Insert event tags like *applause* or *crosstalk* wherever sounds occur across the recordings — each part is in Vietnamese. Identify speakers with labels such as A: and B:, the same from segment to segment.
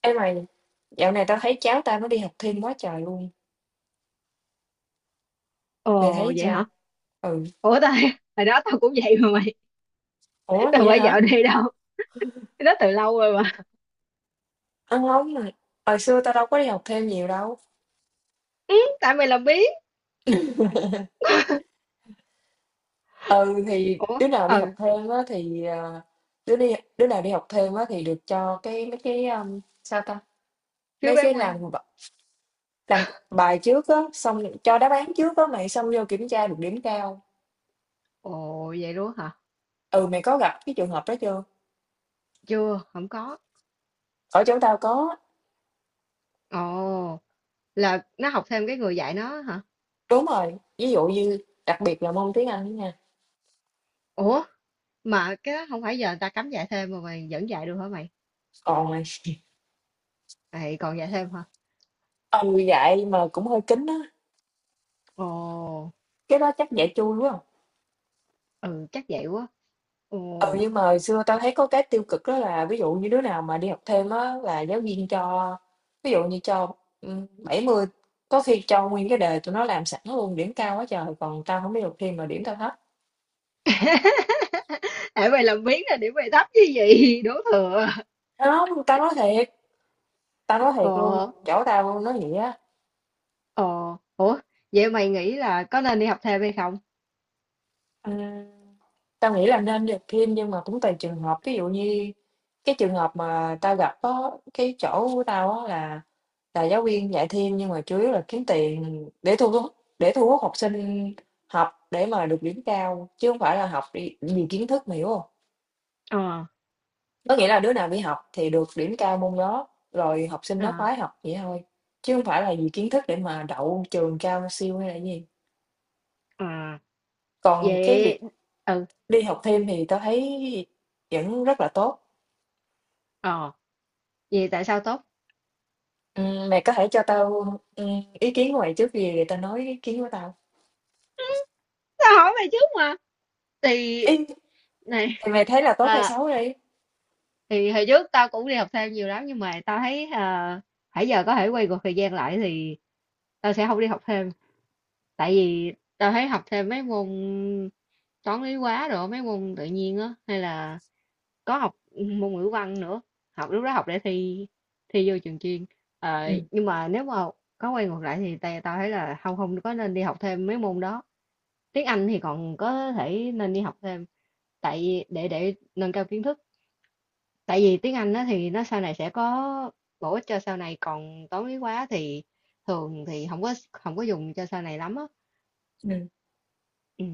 A: Ê mày, dạo này tao thấy cháu tao nó đi học thêm quá trời luôn. Mày
B: Ồ
A: thấy
B: vậy hả?
A: sao? Ừ.
B: Ủa tao *laughs* hồi đó tao cũng vậy mà mày,
A: Ủa
B: *laughs* tao
A: vậy
B: phải
A: hả?
B: dạo đi đâu. Cái đó từ lâu rồi mà.
A: Ăn không mà. Hồi xưa tao đâu có đi học thêm nhiều đâu.
B: Ừ, tại mày làm biết.
A: *laughs* Ừ thì
B: Ủa,
A: đứa nào đi học
B: ừ,
A: thêm á thì đứa nào đi học thêm á thì được cho mấy cái, sao ta?
B: phiếu
A: Mấy
B: bán
A: cái
B: quan.
A: làm bài trước á, xong cho đáp án trước á mày, xong vô kiểm tra được điểm cao.
B: Ồ vậy luôn hả?
A: Ừ, mày có gặp cái trường hợp đó chưa?
B: Chưa, không có.
A: Ở chỗ tao có.
B: Ồ, là nó học thêm cái người dạy nó hả?
A: Đúng rồi. Ví dụ như đặc biệt là môn tiếng Anh đó nha.
B: Ủa, mà cái đó không phải giờ người ta cấm dạy thêm mà mày vẫn dạy được hả mày?
A: Còn mày,
B: Ê, còn dạy thêm hả?
A: ừ, vậy mà cũng hơi kín á,
B: Ồ,
A: cái đó chắc giả trui, đúng.
B: ừ chắc vậy quá.
A: Ừ,
B: Ồ.
A: nhưng mà hồi xưa tao thấy có cái tiêu cực đó là, ví dụ như đứa nào mà đi học thêm á là giáo viên cho ví dụ như cho, 70, có khi cho nguyên cái đề tụi nó làm sẵn luôn, điểm cao quá trời, còn tao không biết học thêm mà điểm tao thấp.
B: *laughs* Tại mày làm biến là điểm mày thấp như vậy, đổ thừa.
A: Hông, tao nói thiệt
B: Ồ.
A: luôn, chỗ tao luôn nói vậy á.
B: Ồ, ủa, vậy mày nghĩ là có nên đi học thêm hay không?
A: Ừm, tao nghĩ là nên đi học thêm nhưng mà cũng tùy trường hợp, ví dụ như cái trường hợp mà tao gặp, có cái chỗ của tao á là giáo viên dạy thêm nhưng mà chủ yếu là kiếm tiền để thu hút học sinh học để mà được điểm cao, chứ không phải là học đi vì kiến thức, mà hiểu không?
B: Ờ,
A: Có nghĩa là đứa nào đi học thì được điểm cao môn đó, rồi học sinh nó
B: à,
A: khoái học vậy thôi, chứ không phải là vì kiến thức để mà đậu trường cao siêu hay là gì.
B: à,
A: Còn cái
B: vậy,
A: việc
B: ừ,
A: đi học thêm thì tao thấy vẫn rất là tốt.
B: ờ, vậy tại sao tốt?
A: Ừ, mày có thể cho tao, ừ, ý kiến của mày trước, gì để tao nói ý kiến của tao.
B: Tao hỏi mày trước mà. Thì,
A: Ý,
B: này,
A: thì mày thấy là tốt hay
B: à,
A: xấu đi.
B: thì hồi trước tao cũng đi học thêm nhiều lắm, nhưng mà tao thấy à, hãy giờ có thể quay ngược thời gian lại thì tao sẽ không đi học thêm. Tại vì tao thấy học thêm mấy môn toán lý hóa rồi, mấy môn tự nhiên á, hay là có học môn ngữ văn nữa, học lúc đó học để thi, thi vô trường chuyên. Ờ,
A: Ừ.
B: nhưng mà nếu mà có quay ngược lại thì tao tao thấy là không không có nên đi học thêm mấy môn đó. Tiếng Anh thì còn có thể nên đi học thêm, tại vì để nâng cao kiến thức, tại vì tiếng Anh đó thì nó sau này sẽ có bổ ích cho sau này, còn toán lý hóa thì thường thì không có dùng cho sau này lắm á. Ừ.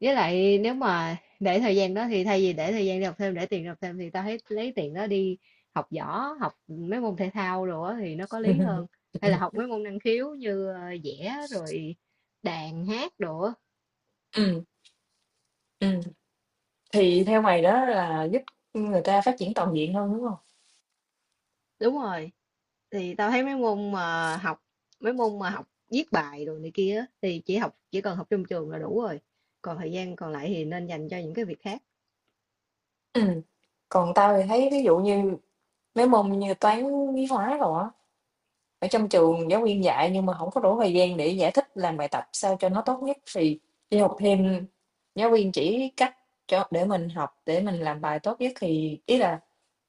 B: Với lại nếu mà để thời gian đó thì thay vì để thời gian đi học thêm, để tiền đi học thêm, thì tao thấy lấy tiền đó đi học võ, học mấy môn thể thao rồi á, thì nó có
A: Ừ.
B: lý hơn, hay là
A: *laughs*
B: học mấy môn năng khiếu như vẽ rồi đàn hát đồ á.
A: Ừm, ừm, thì theo mày đó là giúp người ta phát triển toàn diện hơn, đúng hông?
B: Đúng rồi, thì tao thấy mấy môn mà học, mấy môn mà học viết bài rồi này kia á, thì chỉ học, chỉ cần học trong trường là đủ rồi. Còn thời gian còn lại thì nên dành cho những cái việc khác.
A: Ừm, Còn tao thì thấy, ví dụ như mấy môn như toán, lý hóa đồ á, ở trong trường giáo viên dạy nhưng mà hổng có đủ thời gian để giải thích, làm bài tập sao cho nó tốt nhất, thì đi học thêm. Giáo viên chỉ cách cho để mình học, để mình làm bài tốt nhất, thì ý là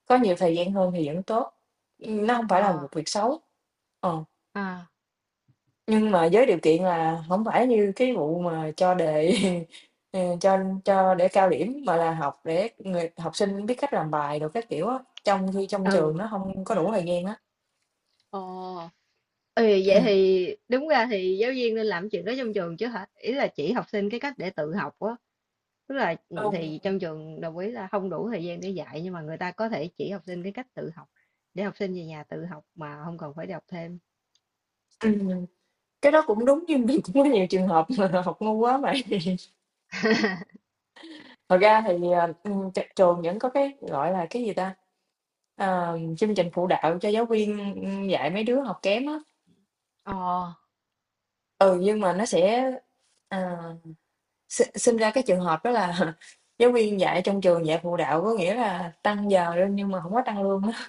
A: có nhiều thời gian hơn thì vẫn tốt, nó hông phải là
B: Ờ,
A: một việc xấu. Ờ.
B: à.
A: Nhưng mà với điều kiện là hổng phải như cái vụ mà cho đề *laughs* ờ, cho cho để cao điểm, mà là học để người học sinh biết cách làm bài đồ các kiểu á, trong khi trong
B: Ừ,
A: trường nó hông có đủ thời gian á.
B: ờ, ừ, vậy
A: Ừm.
B: thì đúng ra thì giáo viên nên làm chuyện đó trong trường chứ hả? Ý là chỉ học sinh cái cách để tự học á. Tức là ừ,
A: Ừ.
B: thì trong trường đồng ý là không đủ thời gian để dạy, nhưng mà người ta có thể chỉ học sinh cái cách tự học để học sinh về nhà tự học mà không cần phải đi học thêm.
A: Ừm, cái đó cũng đúng nhưng mà *laughs* cũng có nhiều trường hợp là học ngu quá mà. *laughs*
B: *laughs*
A: Thật ra thì, ờ, tr trường vẫn có cái, gọi là, cái gì ta, chương trình phụ đạo cho giáo viên, dạy mấy đứa học kém á.
B: Ờ,
A: Ừ, nhưng mà nó sẽ, ờ, sinh ra cái trường hợp đó là *laughs* giáo viên dạy trong trường dạy phụ đạo, có nghĩa là tăng giờ lên nhưng mà không có tăng lương á,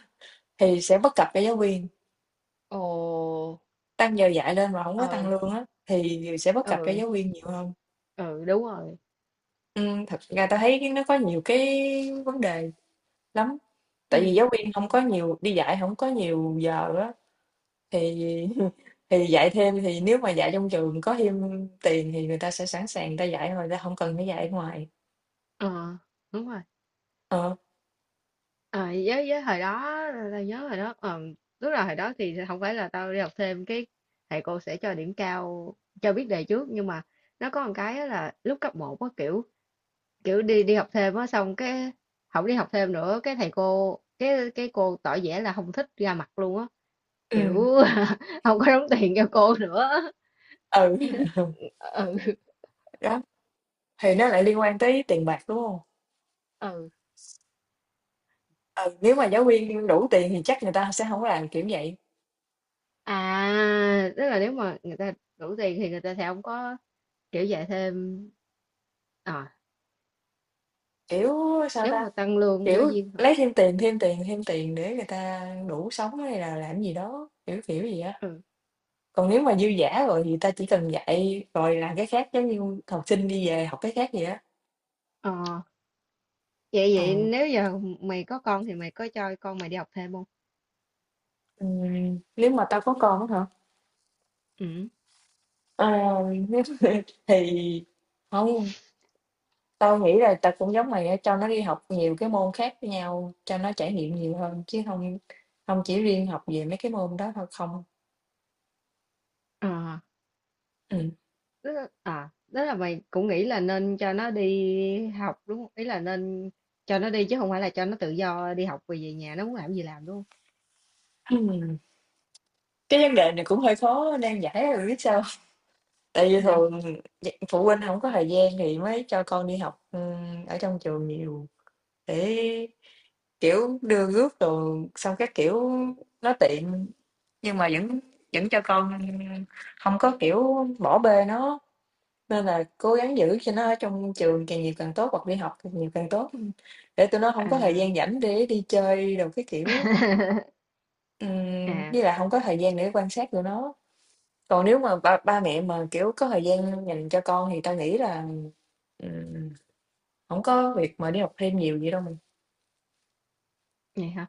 A: thì sẽ bất cập cho giáo viên,
B: ồ,
A: tăng giờ dạy lên mà không có tăng
B: ừ,
A: lương á, thì sẽ bất cập cho
B: ừ,
A: giáo viên nhiều hơn.
B: ừ đúng rồi.
A: Thật ra tao thấy cái nó có nhiều cái vấn đề lắm, tại vì
B: Ừ.
A: giáo viên không có nhiều đi dạy, không có nhiều giờ á, thì *laughs* thì dạy thêm, thì nếu mà dạy trong trường có thêm tiền thì người ta sẽ sẵn sàng, người ta dạy rồi người ta không cần phải dạy ở ngoài.
B: Ờ, đúng rồi.
A: Ờ,
B: Ờ, với hồi đó, tao nhớ hồi đó ờ, lúc nào hồi đó thì không phải là tao đi học thêm cái thầy cô sẽ cho điểm cao, cho biết đề trước, nhưng mà nó có một cái á là lúc cấp một có kiểu, kiểu đi đi học thêm á, xong cái không đi học thêm nữa, cái thầy cô cái cô tỏ vẻ là không thích ra mặt luôn á, kiểu
A: ừm,
B: *laughs* không có đóng tiền cho cô nữa.
A: ừ, *laughs*
B: Ừ.
A: đó. Thì nó lại liên quan tới tiền bạc, đúng không?
B: Ừ,
A: Ừ, nếu mà giáo viên đủ tiền thì chắc người ta sẽ không làm kiểu vậy,
B: à, tức là nếu mà người ta đủ tiền thì người ta sẽ không có kiểu dạy thêm. À,
A: kiểu sao
B: nếu
A: ta,
B: mà tăng lương giáo
A: kiểu
B: viên
A: lấy thêm tiền, thêm tiền, thêm tiền để người ta đủ sống, hay là làm gì đó kiểu kiểu gì á.
B: hả?
A: Còn nếu mà dư giả rồi thì ta chỉ cần dạy rồi làm cái khác, giống như học sinh đi về học cái khác vậy á.
B: Ờ, vậy vậy
A: Ừ.
B: nếu giờ mày có con thì mày có cho con mày đi học thêm không?
A: Nếu mà tao có con á hả,
B: Ừ.
A: ờ, *laughs* nếu mà thì không. Tao nghĩ là tao cũng giống mày á, cho nó đi học nhiều cái môn khác với nhau, cho nó trải nghiệm nhiều hơn, chứ không không chỉ riêng học về mấy cái môn đó thôi không.
B: Ờ,
A: Ừm,
B: tức là, à, tức là mày cũng nghĩ là nên cho nó đi học đúng không? Ý là nên cho nó đi chứ không phải là cho nó tự do đi học về, nhà nó muốn làm gì làm đúng không?
A: ừm, *clears throat* cái vấn đề này cũng hơi khó nan giải á, biết sao. Tại vì
B: Sao?
A: thường phụ huynh không có thời gian thì mới cho con đi học, ở trong trường nhiều để, kiểu, đưa rước rồi xong các kiểu nó tiện, nhưng mà vẫn vẫn cho con không có, kiểu, bỏ bê nó. Nên là cố gắng giữ cho nó ở trong trường càng nhiều càng tốt, hoặc đi học càng nhiều càng tốt, để tụi nó hông
B: À.
A: có thời gian rảnh để đi chơi đồ cái kiểu.
B: *laughs* À.
A: Với lại hông có thời gian để quan sát tụi nó. Còn nếu mà ba ba mẹ mà, kiểu, có thời gian dành cho con thì tao nghĩ là, ừm, hổng có việc mà đi học thêm nhiều vậy đâu mình.
B: Vậy hả?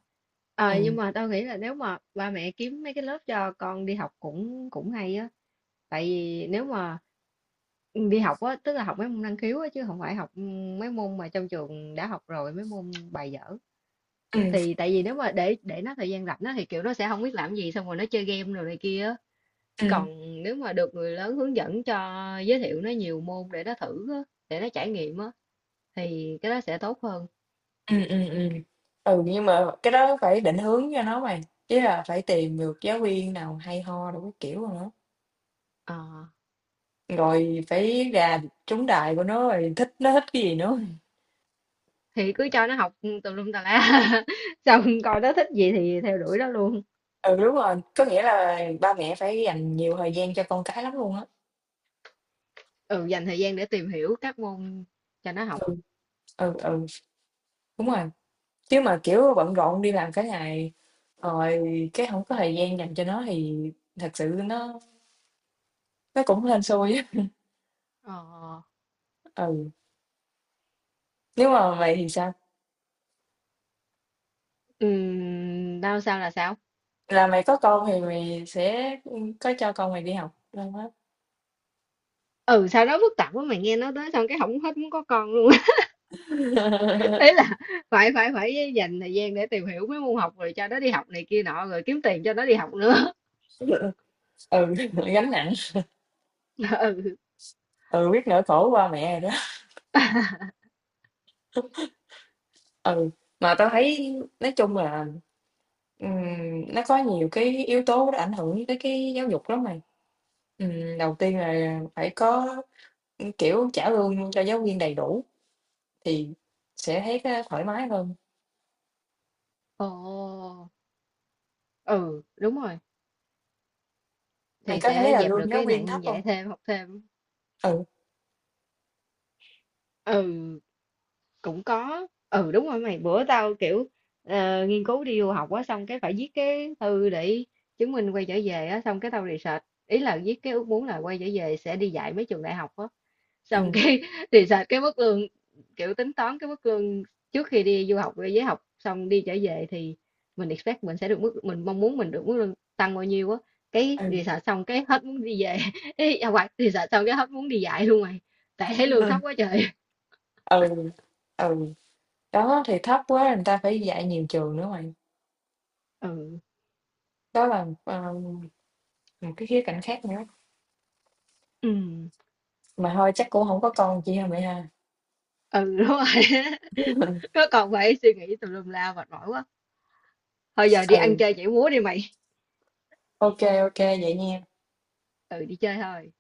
B: Ờ, nhưng
A: Ừm,
B: mà tao nghĩ là nếu mà ba mẹ kiếm mấy cái lớp cho con đi học cũng cũng hay á. Tại vì nếu mà đi học á, tức là học mấy môn năng khiếu á, chứ không phải học mấy môn mà trong trường đã học rồi, mấy môn bài dở.
A: ừm,
B: Thì tại vì nếu mà để nó thời gian rảnh á, thì kiểu nó sẽ không biết làm gì, xong rồi nó chơi game rồi này kia á.
A: ừm,
B: Còn nếu mà được người lớn hướng dẫn cho, giới thiệu nó nhiều môn để nó thử á, để nó trải nghiệm á, thì cái đó sẽ tốt hơn.
A: ừm, ừm, ừm. Ừ, nhưng mà cái đó phải định hướng cho nó mày, ý là phải tìm được giáo viên nào hay ho đồ các kiểu đồ nữa.
B: Ờ.
A: Rồi phải gà trúng đại của nó, rồi thích, nó thích cái gì nữa.
B: Thì cứ cho nó học tùm lum tà la *laughs* xong coi nó thích gì thì theo đuổi nó luôn.
A: Ừ, đúng rồi, có nghĩa là ba mẹ phải dành nhiều thời gian cho con cái lắm luôn á.
B: Ừ, dành thời gian để tìm hiểu các môn cho nó học.
A: ừ ừ Đúng rồi. Chứ mà kiểu bận rộn đi làm cả ngày rồi cái không có thời gian dành cho nó thì thật sự nó cũng hên xui á.
B: Ờ,
A: Ừ, nếu mà mày thì sao,
B: đau sao là sao?
A: là mày có con thì mày sẽ có cho con mày đi học đâu á.
B: Ừ sao nó phức tạp quá mày, nghe nó tới xong cái không, hết muốn có con luôn. *laughs*
A: *laughs*
B: Ấy là phải phải phải dành thời gian để tìm hiểu mấy môn học rồi cho nó đi học này kia nọ rồi kiếm tiền cho nó đi học nữa.
A: Ừ, gánh nặng.
B: *laughs* Ừ.
A: Ừ, biết nỗi khổ của ba mẹ rồi đó. Ừ, mà tao thấy nói chung là, ừm, nó có nhiều cái yếu tố nó ảnh hưởng tới cái giáo dục lắm bạn. Đầu tiên là phải có, kiểu, trả lương cho giáo viên đầy đủ thì sẽ thấy cái thoải mái hơn.
B: Ồ, ừ đúng rồi,
A: Mày
B: thì
A: có thấy
B: sẽ
A: là
B: dẹp được
A: lương giáo
B: cái
A: viên thấp
B: nạn
A: không?
B: dạy thêm học thêm.
A: Ừ,
B: Ừ, cũng có, ừ đúng rồi, mày bữa tao kiểu ờ, nghiên cứu đi du học á, xong cái phải viết cái thư để chứng minh quay trở về á, xong cái tao research, ý là viết cái ước muốn là quay trở về sẽ đi dạy mấy trường đại học á, xong
A: ừm,
B: cái *laughs* research cái mức lương, kiểu tính toán cái mức lương trước khi đi du học với học xong đi trở về thì mình expect mình sẽ được mức, mình mong muốn mình được mức lương tăng bao nhiêu á, cái
A: ừ,
B: research xong cái hết muốn đi về. *laughs* Ý, à, hoặc research xong cái hết muốn đi dạy luôn mày, tại thấy lương thấp
A: ừ,
B: quá trời.
A: ừ, ừ, đó, thì thấp quá người ta phải dạy nhiều trường nữa mày.
B: Ừ,
A: Đó là, ờ, một cái khía cạnh khác nữa.
B: ừ.
A: Mà thôi chắc cũng không có con chi hả mẹ ha?
B: Ừ, đúng rồi *laughs* á. Có còn phải suy nghĩ tùm lum la mệt mỏi quá. Thôi giờ đi ăn
A: Ừ,
B: chơi nhảy múa đi mày.
A: ok ok vậy nha.
B: Ừ, đi chơi thôi.